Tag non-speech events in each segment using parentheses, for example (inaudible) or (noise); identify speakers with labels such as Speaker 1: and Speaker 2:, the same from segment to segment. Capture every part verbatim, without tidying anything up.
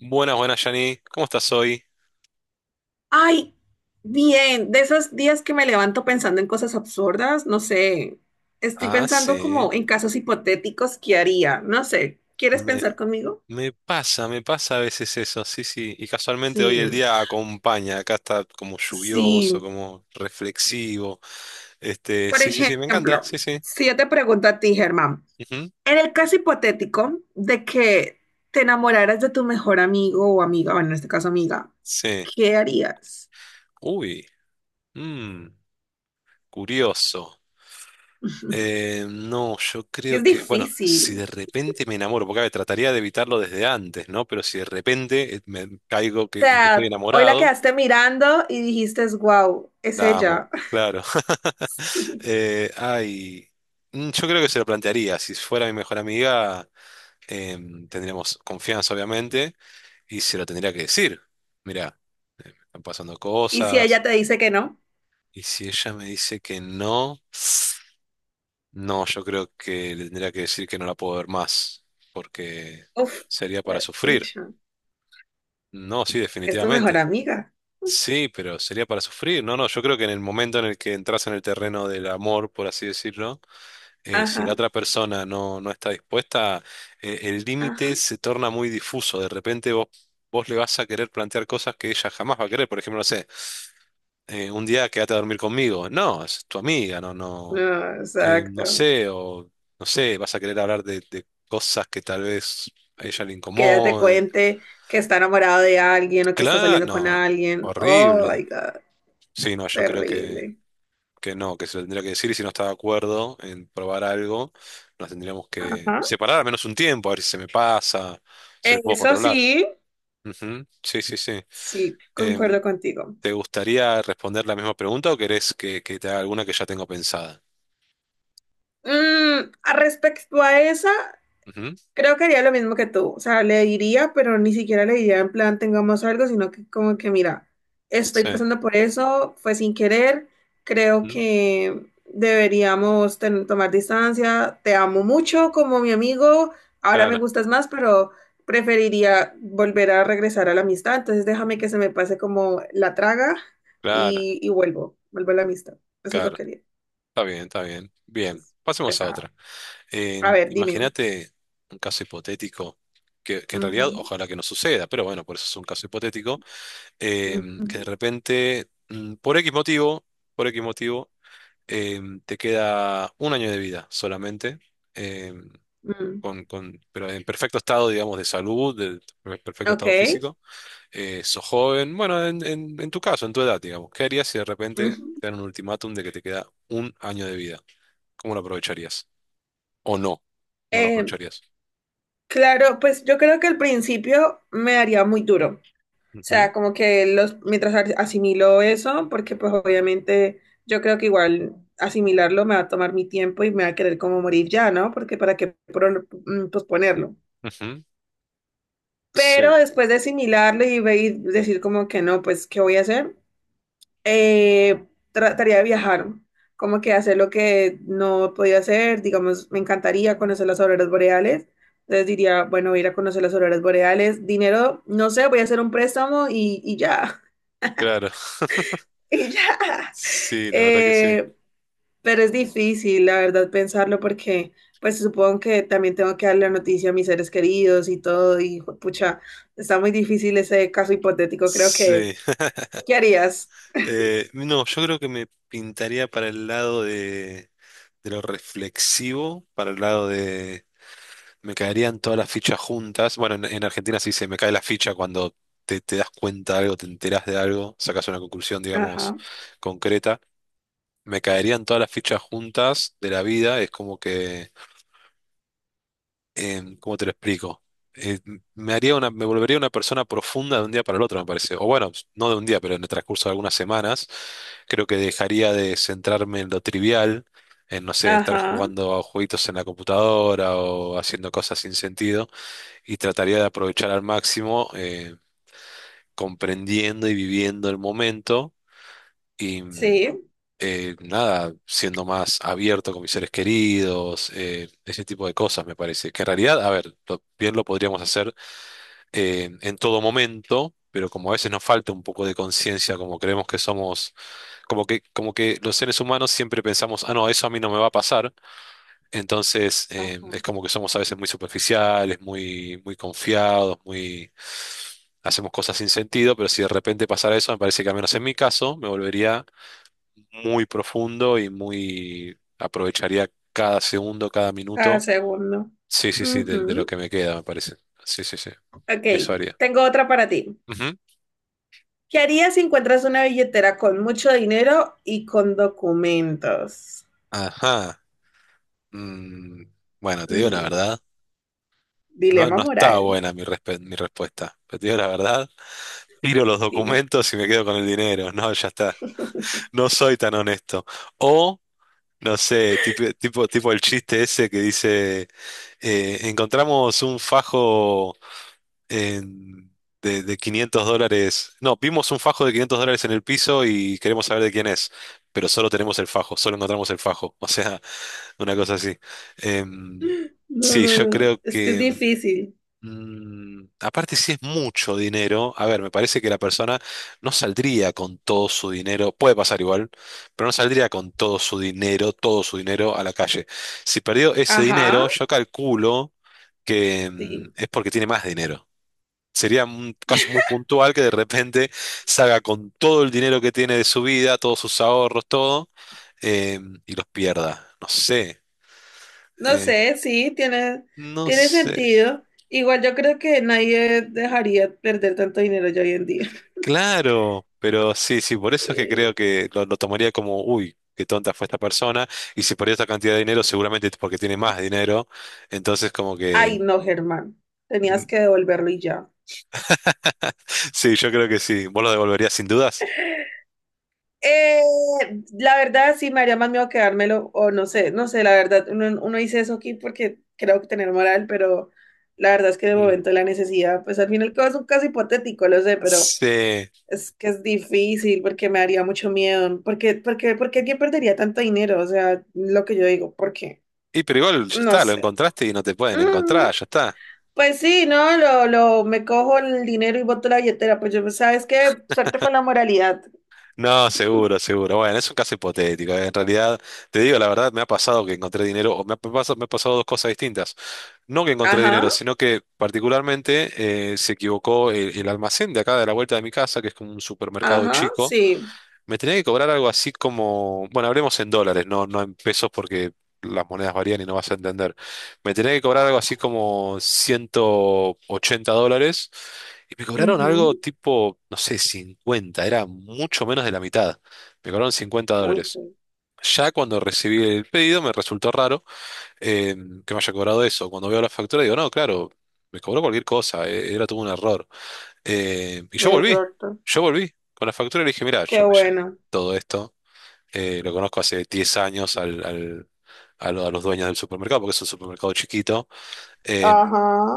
Speaker 1: Buenas, buenas, Yanni. ¿Cómo estás hoy?
Speaker 2: Ay, bien, de esos días que me levanto pensando en cosas absurdas, no sé, estoy
Speaker 1: Ah,
Speaker 2: pensando como
Speaker 1: sí.
Speaker 2: en casos hipotéticos que haría, no sé, ¿quieres
Speaker 1: Me,
Speaker 2: pensar conmigo?
Speaker 1: me pasa, me pasa a veces eso, sí, sí. Y casualmente hoy el
Speaker 2: Sí,
Speaker 1: día acompaña. Acá está como lluvioso,
Speaker 2: sí.
Speaker 1: como reflexivo. Este,
Speaker 2: Por
Speaker 1: sí, sí, sí, me encanta,
Speaker 2: ejemplo,
Speaker 1: sí, sí.
Speaker 2: si yo te pregunto a ti, Germán,
Speaker 1: Ujú.
Speaker 2: en el caso hipotético de que te enamoraras de tu mejor amigo o amiga, bueno, en este caso amiga,
Speaker 1: Sí.
Speaker 2: ¿qué harías?
Speaker 1: Uy, mm, curioso. Eh, no, yo
Speaker 2: Es
Speaker 1: creo que, bueno, si de
Speaker 2: difícil.
Speaker 1: repente me enamoro, porque a ver, trataría de evitarlo desde antes, ¿no? Pero si de repente eh, me caigo que,
Speaker 2: O
Speaker 1: en que estoy
Speaker 2: sea, hoy la
Speaker 1: enamorado,
Speaker 2: quedaste mirando y dijiste, wow, es
Speaker 1: la amo,
Speaker 2: ella.
Speaker 1: claro.
Speaker 2: (laughs)
Speaker 1: (laughs)
Speaker 2: Sí.
Speaker 1: Eh, ay, mm, yo creo que se lo plantearía. Si fuera mi mejor amiga, em, tendríamos confianza, obviamente, y se lo tendría que decir. Mirá, eh, me están pasando
Speaker 2: Y si ella
Speaker 1: cosas,
Speaker 2: te dice que no,
Speaker 1: y si ella me dice que no, no, yo creo que le tendría que decir que no la puedo ver más, porque
Speaker 2: uff,
Speaker 1: sería para
Speaker 2: es
Speaker 1: sufrir.
Speaker 2: pucha,
Speaker 1: No, sí,
Speaker 2: es tu mejor
Speaker 1: definitivamente.
Speaker 2: amiga.
Speaker 1: Sí, pero sería para sufrir. No, no, yo creo que en el momento en el que entras en el terreno del amor, por así decirlo, eh, si la
Speaker 2: Ajá,
Speaker 1: otra persona no, no está dispuesta, eh, el
Speaker 2: ajá.
Speaker 1: límite se torna muy difuso. De repente vos, vos le vas a querer plantear cosas que ella jamás va a querer. Por ejemplo, no sé, eh, un día quédate a dormir conmigo. No, es tu amiga, no, no,
Speaker 2: No,
Speaker 1: eh, no
Speaker 2: exacto.
Speaker 1: sé, o no sé, vas a querer hablar de, de cosas que tal vez a ella le
Speaker 2: Que ella te
Speaker 1: incomoden.
Speaker 2: cuente que está enamorado de alguien o que está
Speaker 1: Claro,
Speaker 2: saliendo con
Speaker 1: no,
Speaker 2: alguien. Oh
Speaker 1: horrible.
Speaker 2: my God,
Speaker 1: Sí, no, yo creo que
Speaker 2: terrible.
Speaker 1: que no, que se lo tendría que decir y si no está de acuerdo en probar algo, nos tendríamos que
Speaker 2: Ajá.
Speaker 1: separar al menos un tiempo, a ver si se me pasa, si lo puedo
Speaker 2: Eso
Speaker 1: controlar.
Speaker 2: sí,
Speaker 1: Ujú, sí, sí, sí.
Speaker 2: sí,
Speaker 1: Em,
Speaker 2: concuerdo contigo.
Speaker 1: ¿te gustaría responder la misma pregunta o querés que, que te haga alguna que ya tengo pensada?
Speaker 2: Mm, a respecto a esa,
Speaker 1: Ujú,
Speaker 2: creo que haría lo mismo que tú, o sea, le diría, pero ni siquiera le diría en plan tengamos algo, sino que como que mira, estoy
Speaker 1: sí.
Speaker 2: pasando por eso, fue sin querer, creo
Speaker 1: Ujú,
Speaker 2: que deberíamos ten- tomar distancia, te amo mucho como mi amigo, ahora me
Speaker 1: claro,
Speaker 2: gustas más, pero preferiría volver a regresar a la amistad, entonces déjame que se me pase como la traga
Speaker 1: claro,
Speaker 2: y, y vuelvo, vuelvo a la amistad, eso es lo
Speaker 1: claro.
Speaker 2: que haría,
Speaker 1: Está bien, está bien. Bien,
Speaker 2: es
Speaker 1: pasemos a
Speaker 2: pesado.
Speaker 1: otra.
Speaker 2: A
Speaker 1: Em,
Speaker 2: ver, dime.
Speaker 1: imagínate un caso hipotético. Que, que en realidad
Speaker 2: Ujú,
Speaker 1: ojalá que no suceda, pero bueno, por eso es un caso hipotético,
Speaker 2: ujú,
Speaker 1: em, que de repente, mm, por X motivo, por X motivo, em, te queda un año de vida solamente, em,
Speaker 2: ujú.
Speaker 1: con, con- pero en perfecto estado, digamos, de salud, de per- perfecto
Speaker 2: Ok.
Speaker 1: estado físico, eh, sos joven, bueno, en, en- en tu caso, en tu edad, digamos, ¿qué harías si de repente
Speaker 2: Ujú.
Speaker 1: te dan un ultimátum de que te queda un año de vida? ¿Cómo lo aprovecharías? ¿O no? ¿No lo
Speaker 2: Eh,
Speaker 1: aprovecharías?
Speaker 2: claro, pues yo creo que al principio me haría muy duro. O sea,
Speaker 1: Ujú,
Speaker 2: como que los, mientras as- asimilo eso, porque pues obviamente yo creo que igual asimilarlo me va a tomar mi tiempo y me va a querer como morir ya, ¿no? Porque para qué pro- mm, posponerlo.
Speaker 1: ujú. Sí,
Speaker 2: Pero después de asimilarlo y, ve- y decir como que no, pues, ¿qué voy a hacer? eh, Trataría de viajar, como que hacer lo que no podía hacer, digamos, me encantaría conocer las auroras boreales, entonces diría, bueno, voy a ir a conocer las auroras boreales, dinero, no sé, voy a hacer un préstamo y, y ya,
Speaker 1: claro. (laughs)
Speaker 2: (laughs) y ya.
Speaker 1: Sí, la verdad que sí.
Speaker 2: Eh, pero es difícil, la verdad, pensarlo porque, pues supongo que también tengo que darle la noticia a mis seres queridos y todo, y pucha, está muy difícil ese caso hipotético, creo que,
Speaker 1: Sí.
Speaker 2: ¿tú qué harías?
Speaker 1: Eh, no, yo creo que me pintaría para el lado de, de lo reflexivo, para el lado de me caerían todas las fichas juntas. Bueno, en, en Argentina sí se dice me cae la ficha cuando te, te das cuenta de algo, te enteras de algo, sacas una conclusión, digamos,
Speaker 2: Ajá,
Speaker 1: concreta. Me caerían todas las fichas juntas de la vida, es como que em, ¿cómo te lo explico? Eh, Me haría una, me volvería una persona profunda de un día para el otro, me parece. O bueno, no de un día, pero en el transcurso de algunas semanas, creo que dejaría de centrarme en lo trivial, en, no sé, estar
Speaker 2: ajá,
Speaker 1: jugando a jueguitos en la computadora o haciendo cosas sin sentido, y trataría de aprovechar al máximo, eh, comprendiendo y viviendo el momento y mm,
Speaker 2: sí.
Speaker 1: eh, nada, siendo más abierto con mis seres queridos, eh, ese tipo de cosas me parece. Que en realidad, a ver, lo- bien lo podríamos hacer eh, en todo momento, pero como a veces nos falta un poco de conciencia, como creemos que somos, como que, como que los seres humanos siempre pensamos, ah, no, eso a mí no me va a pasar. Entonces, eh,
Speaker 2: Ajá.
Speaker 1: es como que somos a veces muy superficiales, muy, muy confiados, muy... Hacemos cosas sin sentido, pero si de repente pasara eso, me parece que al menos en mi caso me volvería muy profundo y muy aprovecharía cada segundo, cada
Speaker 2: Cada
Speaker 1: minuto.
Speaker 2: segundo.
Speaker 1: Sí, sí, sí, de, de lo
Speaker 2: Ujú.
Speaker 1: que me queda, me parece. Sí, sí, sí.
Speaker 2: Ok,
Speaker 1: Eso haría.
Speaker 2: tengo otra para ti.
Speaker 1: Ujú.
Speaker 2: ¿Qué harías si encuentras una billetera con mucho dinero y con documentos?
Speaker 1: Ajá. Mm, bueno, te digo la
Speaker 2: Mm,
Speaker 1: verdad. No,
Speaker 2: dilema
Speaker 1: no está
Speaker 2: moral,
Speaker 1: buena mi, respe- mi respuesta. Pero te digo la verdad. Tiro los
Speaker 2: dime.
Speaker 1: documentos y me quedo con el dinero. No, ya está. No soy tan honesto. O, no sé, tipo, tipo, tipo el chiste ese que dice, eh, encontramos un fajo. En- de, de quinientos dólares. No, vimos un fajo de quinientos dólares en el piso y queremos saber de quién es, pero solo tenemos el fajo, solo encontramos el fajo. (laughs) O sea, una cosa así. Em,
Speaker 2: No,
Speaker 1: sí,
Speaker 2: no,
Speaker 1: yo
Speaker 2: no,
Speaker 1: creo
Speaker 2: es que es
Speaker 1: que...
Speaker 2: difícil.
Speaker 1: mm, aparte, si es mucho dinero, a ver, me parece que la persona no saldría con todo su dinero, puede pasar igual, pero no saldría con todo su dinero, todo su dinero a la calle. Si perdió ese
Speaker 2: Ajá,
Speaker 1: dinero, yo calculo que mm,
Speaker 2: sí.
Speaker 1: es porque tiene más dinero. Sería un caso muy puntual que de repente salga con todo el dinero que tiene de su vida, todos sus ahorros, todo, eh, y los pierda. No sé,
Speaker 2: No
Speaker 1: eh,
Speaker 2: sé, sí, tiene,
Speaker 1: no
Speaker 2: tiene
Speaker 1: sé.
Speaker 2: sentido. Igual yo creo que nadie dejaría perder tanto dinero ya hoy en día. (laughs)
Speaker 1: Claro, pero sí, sí, por eso es que
Speaker 2: Eh,
Speaker 1: creo que lo, lo tomaría como, uy, qué tonta fue esta persona, y si perdió esta cantidad de dinero, seguramente es porque tiene más dinero. Entonces, como
Speaker 2: Ay,
Speaker 1: que...
Speaker 2: no, Germán, tenías que
Speaker 1: (laughs)
Speaker 2: devolverlo y ya.
Speaker 1: Sí, yo creo que sí. ¿Vos lo devolverías sin dudas?
Speaker 2: Eh, la verdad, sí, me haría más miedo quedármelo, o no sé, no sé, la verdad, uno, uno dice eso aquí porque creo que tener moral, pero la verdad es que de
Speaker 1: Mm.
Speaker 2: momento la necesidad, pues al final es un caso hipotético, lo sé, pero
Speaker 1: Sí.
Speaker 2: es que es difícil porque me haría mucho miedo, porque, porque, porque alguien perdería tanto dinero, o sea, lo que yo digo, porque,
Speaker 1: Y pero igual ya
Speaker 2: no
Speaker 1: está, lo
Speaker 2: sé.
Speaker 1: encontraste y no te pueden
Speaker 2: Mm,
Speaker 1: encontrar, ya está.
Speaker 2: pues sí, ¿no? Lo, lo, me cojo el dinero y boto la billetera, pues yo, ¿sabes qué? Suerte con la moralidad.
Speaker 1: No, seguro, seguro. Bueno, es un caso hipotético. ¿Eh? En realidad, te digo la verdad, me ha pasado que encontré dinero, o me ha pasado, me ha pasado dos cosas distintas. No que encontré dinero,
Speaker 2: Ajá,
Speaker 1: sino que particularmente eh, se equivocó el, el almacén de acá de la vuelta de mi casa, que es como un supermercado
Speaker 2: ajá,
Speaker 1: chico.
Speaker 2: sí.
Speaker 1: Me tenía que cobrar algo así como, bueno, hablemos en dólares, no, no en pesos porque las monedas varían y no vas a entender. Me tenía que cobrar algo
Speaker 2: Ah.
Speaker 1: así como ciento ochenta dólares y me cobraron algo
Speaker 2: Ujú.
Speaker 1: tipo, no sé, cincuenta, era mucho menos de la mitad. Me cobraron 50
Speaker 2: Uy,
Speaker 1: dólares.
Speaker 2: sí,
Speaker 1: Ya cuando recibí el pedido me resultó raro eh, que me haya cobrado eso. Cuando veo la factura digo, no, claro, me cobró cualquier cosa, eh, era todo un error. Eh, y yo volví,
Speaker 2: exacto.
Speaker 1: yo volví con la factura y le dije, mira,
Speaker 2: Qué
Speaker 1: yo me llevé
Speaker 2: bueno.
Speaker 1: todo esto, eh, lo conozco hace diez años al, al- a, lo- a los dueños del supermercado, porque es un supermercado chiquito, eh,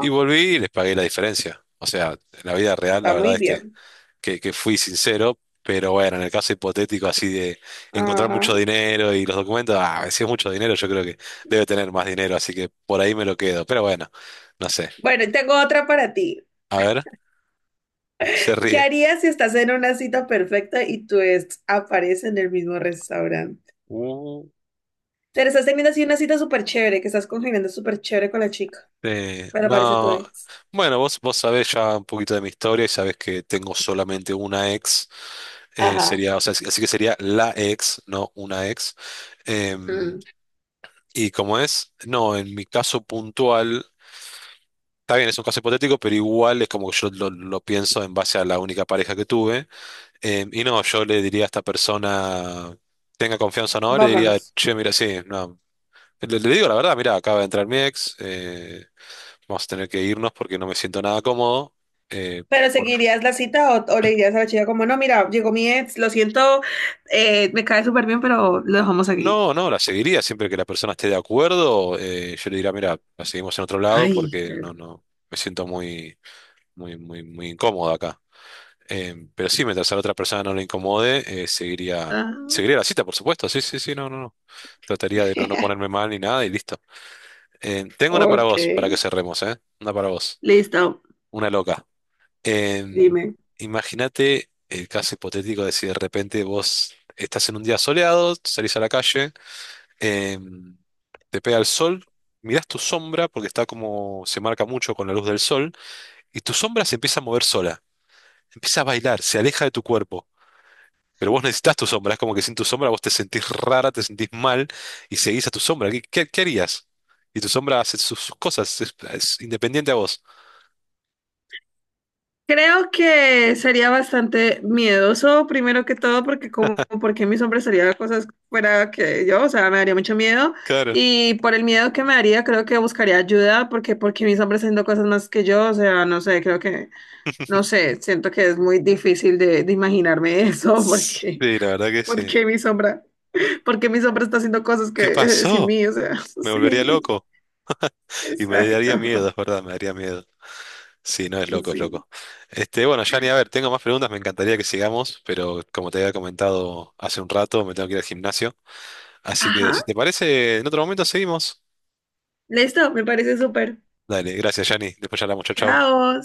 Speaker 1: y volví y les pagué la diferencia. O sea, en la vida real la
Speaker 2: está
Speaker 1: verdad
Speaker 2: muy
Speaker 1: es que,
Speaker 2: bien.
Speaker 1: que, que fui sincero, pero bueno, en el caso hipotético así de encontrar
Speaker 2: Ajá.
Speaker 1: mucho dinero y los documentos, ah, si es mucho dinero, yo creo que debe tener más dinero, así que por ahí me lo quedo, pero bueno, no sé.
Speaker 2: Bueno, y tengo otra para ti.
Speaker 1: A ver, se
Speaker 2: ¿Qué
Speaker 1: ríe.
Speaker 2: harías si estás en una cita perfecta y tu ex aparece en el mismo restaurante? Te estás teniendo así una cita súper chévere, que estás congeniando súper chévere con la chica,
Speaker 1: Sí,
Speaker 2: pero aparece tu
Speaker 1: no.
Speaker 2: ex.
Speaker 1: Bueno, vos, vos sabés ya un poquito de mi historia y sabés que tengo solamente una ex. Eh,
Speaker 2: Ajá.
Speaker 1: sería, o sea, así así que sería la ex, no una ex. Em,
Speaker 2: Mm,
Speaker 1: y como es, no, en mi caso puntual, está bien, es un caso hipotético, pero igual es como que yo lo, lo pienso en base a la única pareja que tuve. Em, y no, yo le diría a esta persona, tenga confianza o no, le diría,
Speaker 2: vámonos.
Speaker 1: che, mira, sí, no. Le, le digo la verdad, mira, acaba de entrar mi ex. Eh, Vamos a tener que irnos porque no me siento nada cómodo. Eh,
Speaker 2: ¿Pero
Speaker 1: por-
Speaker 2: seguirías la cita o, o le dirías a la chica como, no, mira, llegó mi ex, lo siento, eh, me cae súper bien, pero lo dejamos aquí?
Speaker 1: No, no, la seguiría. Siempre que la persona esté de acuerdo, eh, yo le diría, mira, la seguimos en otro lado
Speaker 2: Ay,
Speaker 1: porque
Speaker 2: qué-
Speaker 1: no, no, me siento muy, muy, muy, muy incómodo acá. Eh, pero sí, mientras a la otra persona no le incomode, eh, seguiría,
Speaker 2: Ajá.
Speaker 1: seguiría la cita, por supuesto. Sí, sí, sí, no, no, no. Trataría de no, no
Speaker 2: (laughs)
Speaker 1: ponerme mal ni nada y listo. Eh, tengo una para
Speaker 2: Ok,
Speaker 1: vos, para que cerremos, ¿eh? Una para vos.
Speaker 2: listo,
Speaker 1: Una loca. Em,
Speaker 2: dime.
Speaker 1: imagínate el caso hipotético de si de repente vos estás en un día soleado, salís a la calle, em, te pega el sol, mirás tu sombra, porque está como, se marca mucho con la luz del sol, y tu sombra se empieza a mover sola, empieza a bailar, se aleja de tu cuerpo. Pero vos necesitas tu sombra, es como que sin tu sombra vos te sentís rara, te sentís mal y seguís a tu sombra. ¿Qué, qué- qué harías? Y tu sombra hace sus, sus cosas, es, es independiente a vos.
Speaker 2: Creo que sería bastante miedoso, primero que todo, porque como, porque mi sombra harían cosas fuera que yo, o sea, me daría mucho miedo.
Speaker 1: Claro.
Speaker 2: Y por el miedo que me daría, creo que buscaría ayuda, porque, porque mi sombra haciendo cosas más que yo, o sea, no sé, creo que, no sé, siento que es muy difícil de, de imaginarme (laughs) eso, porque,
Speaker 1: Sí, la verdad que sí.
Speaker 2: porque mi sombra, porque mi sombra está haciendo cosas que
Speaker 1: ¿Qué
Speaker 2: eh, sin
Speaker 1: pasó?
Speaker 2: mí, o sea, (laughs)
Speaker 1: Me volvería
Speaker 2: sí,
Speaker 1: loco y me daría miedo,
Speaker 2: exacto,
Speaker 1: es verdad, me daría miedo. Sí, no es loco, es
Speaker 2: sí.
Speaker 1: loco. Este, bueno, Yanni, a ver, tengo más preguntas, me encantaría que sigamos, pero como te había comentado hace un rato, me tengo que ir al gimnasio. Así que si
Speaker 2: Ajá.
Speaker 1: te parece, en otro momento seguimos.
Speaker 2: Listo, me parece súper.
Speaker 1: Dale, gracias, Yanni. Después charlamos, chau, chau.
Speaker 2: Chao.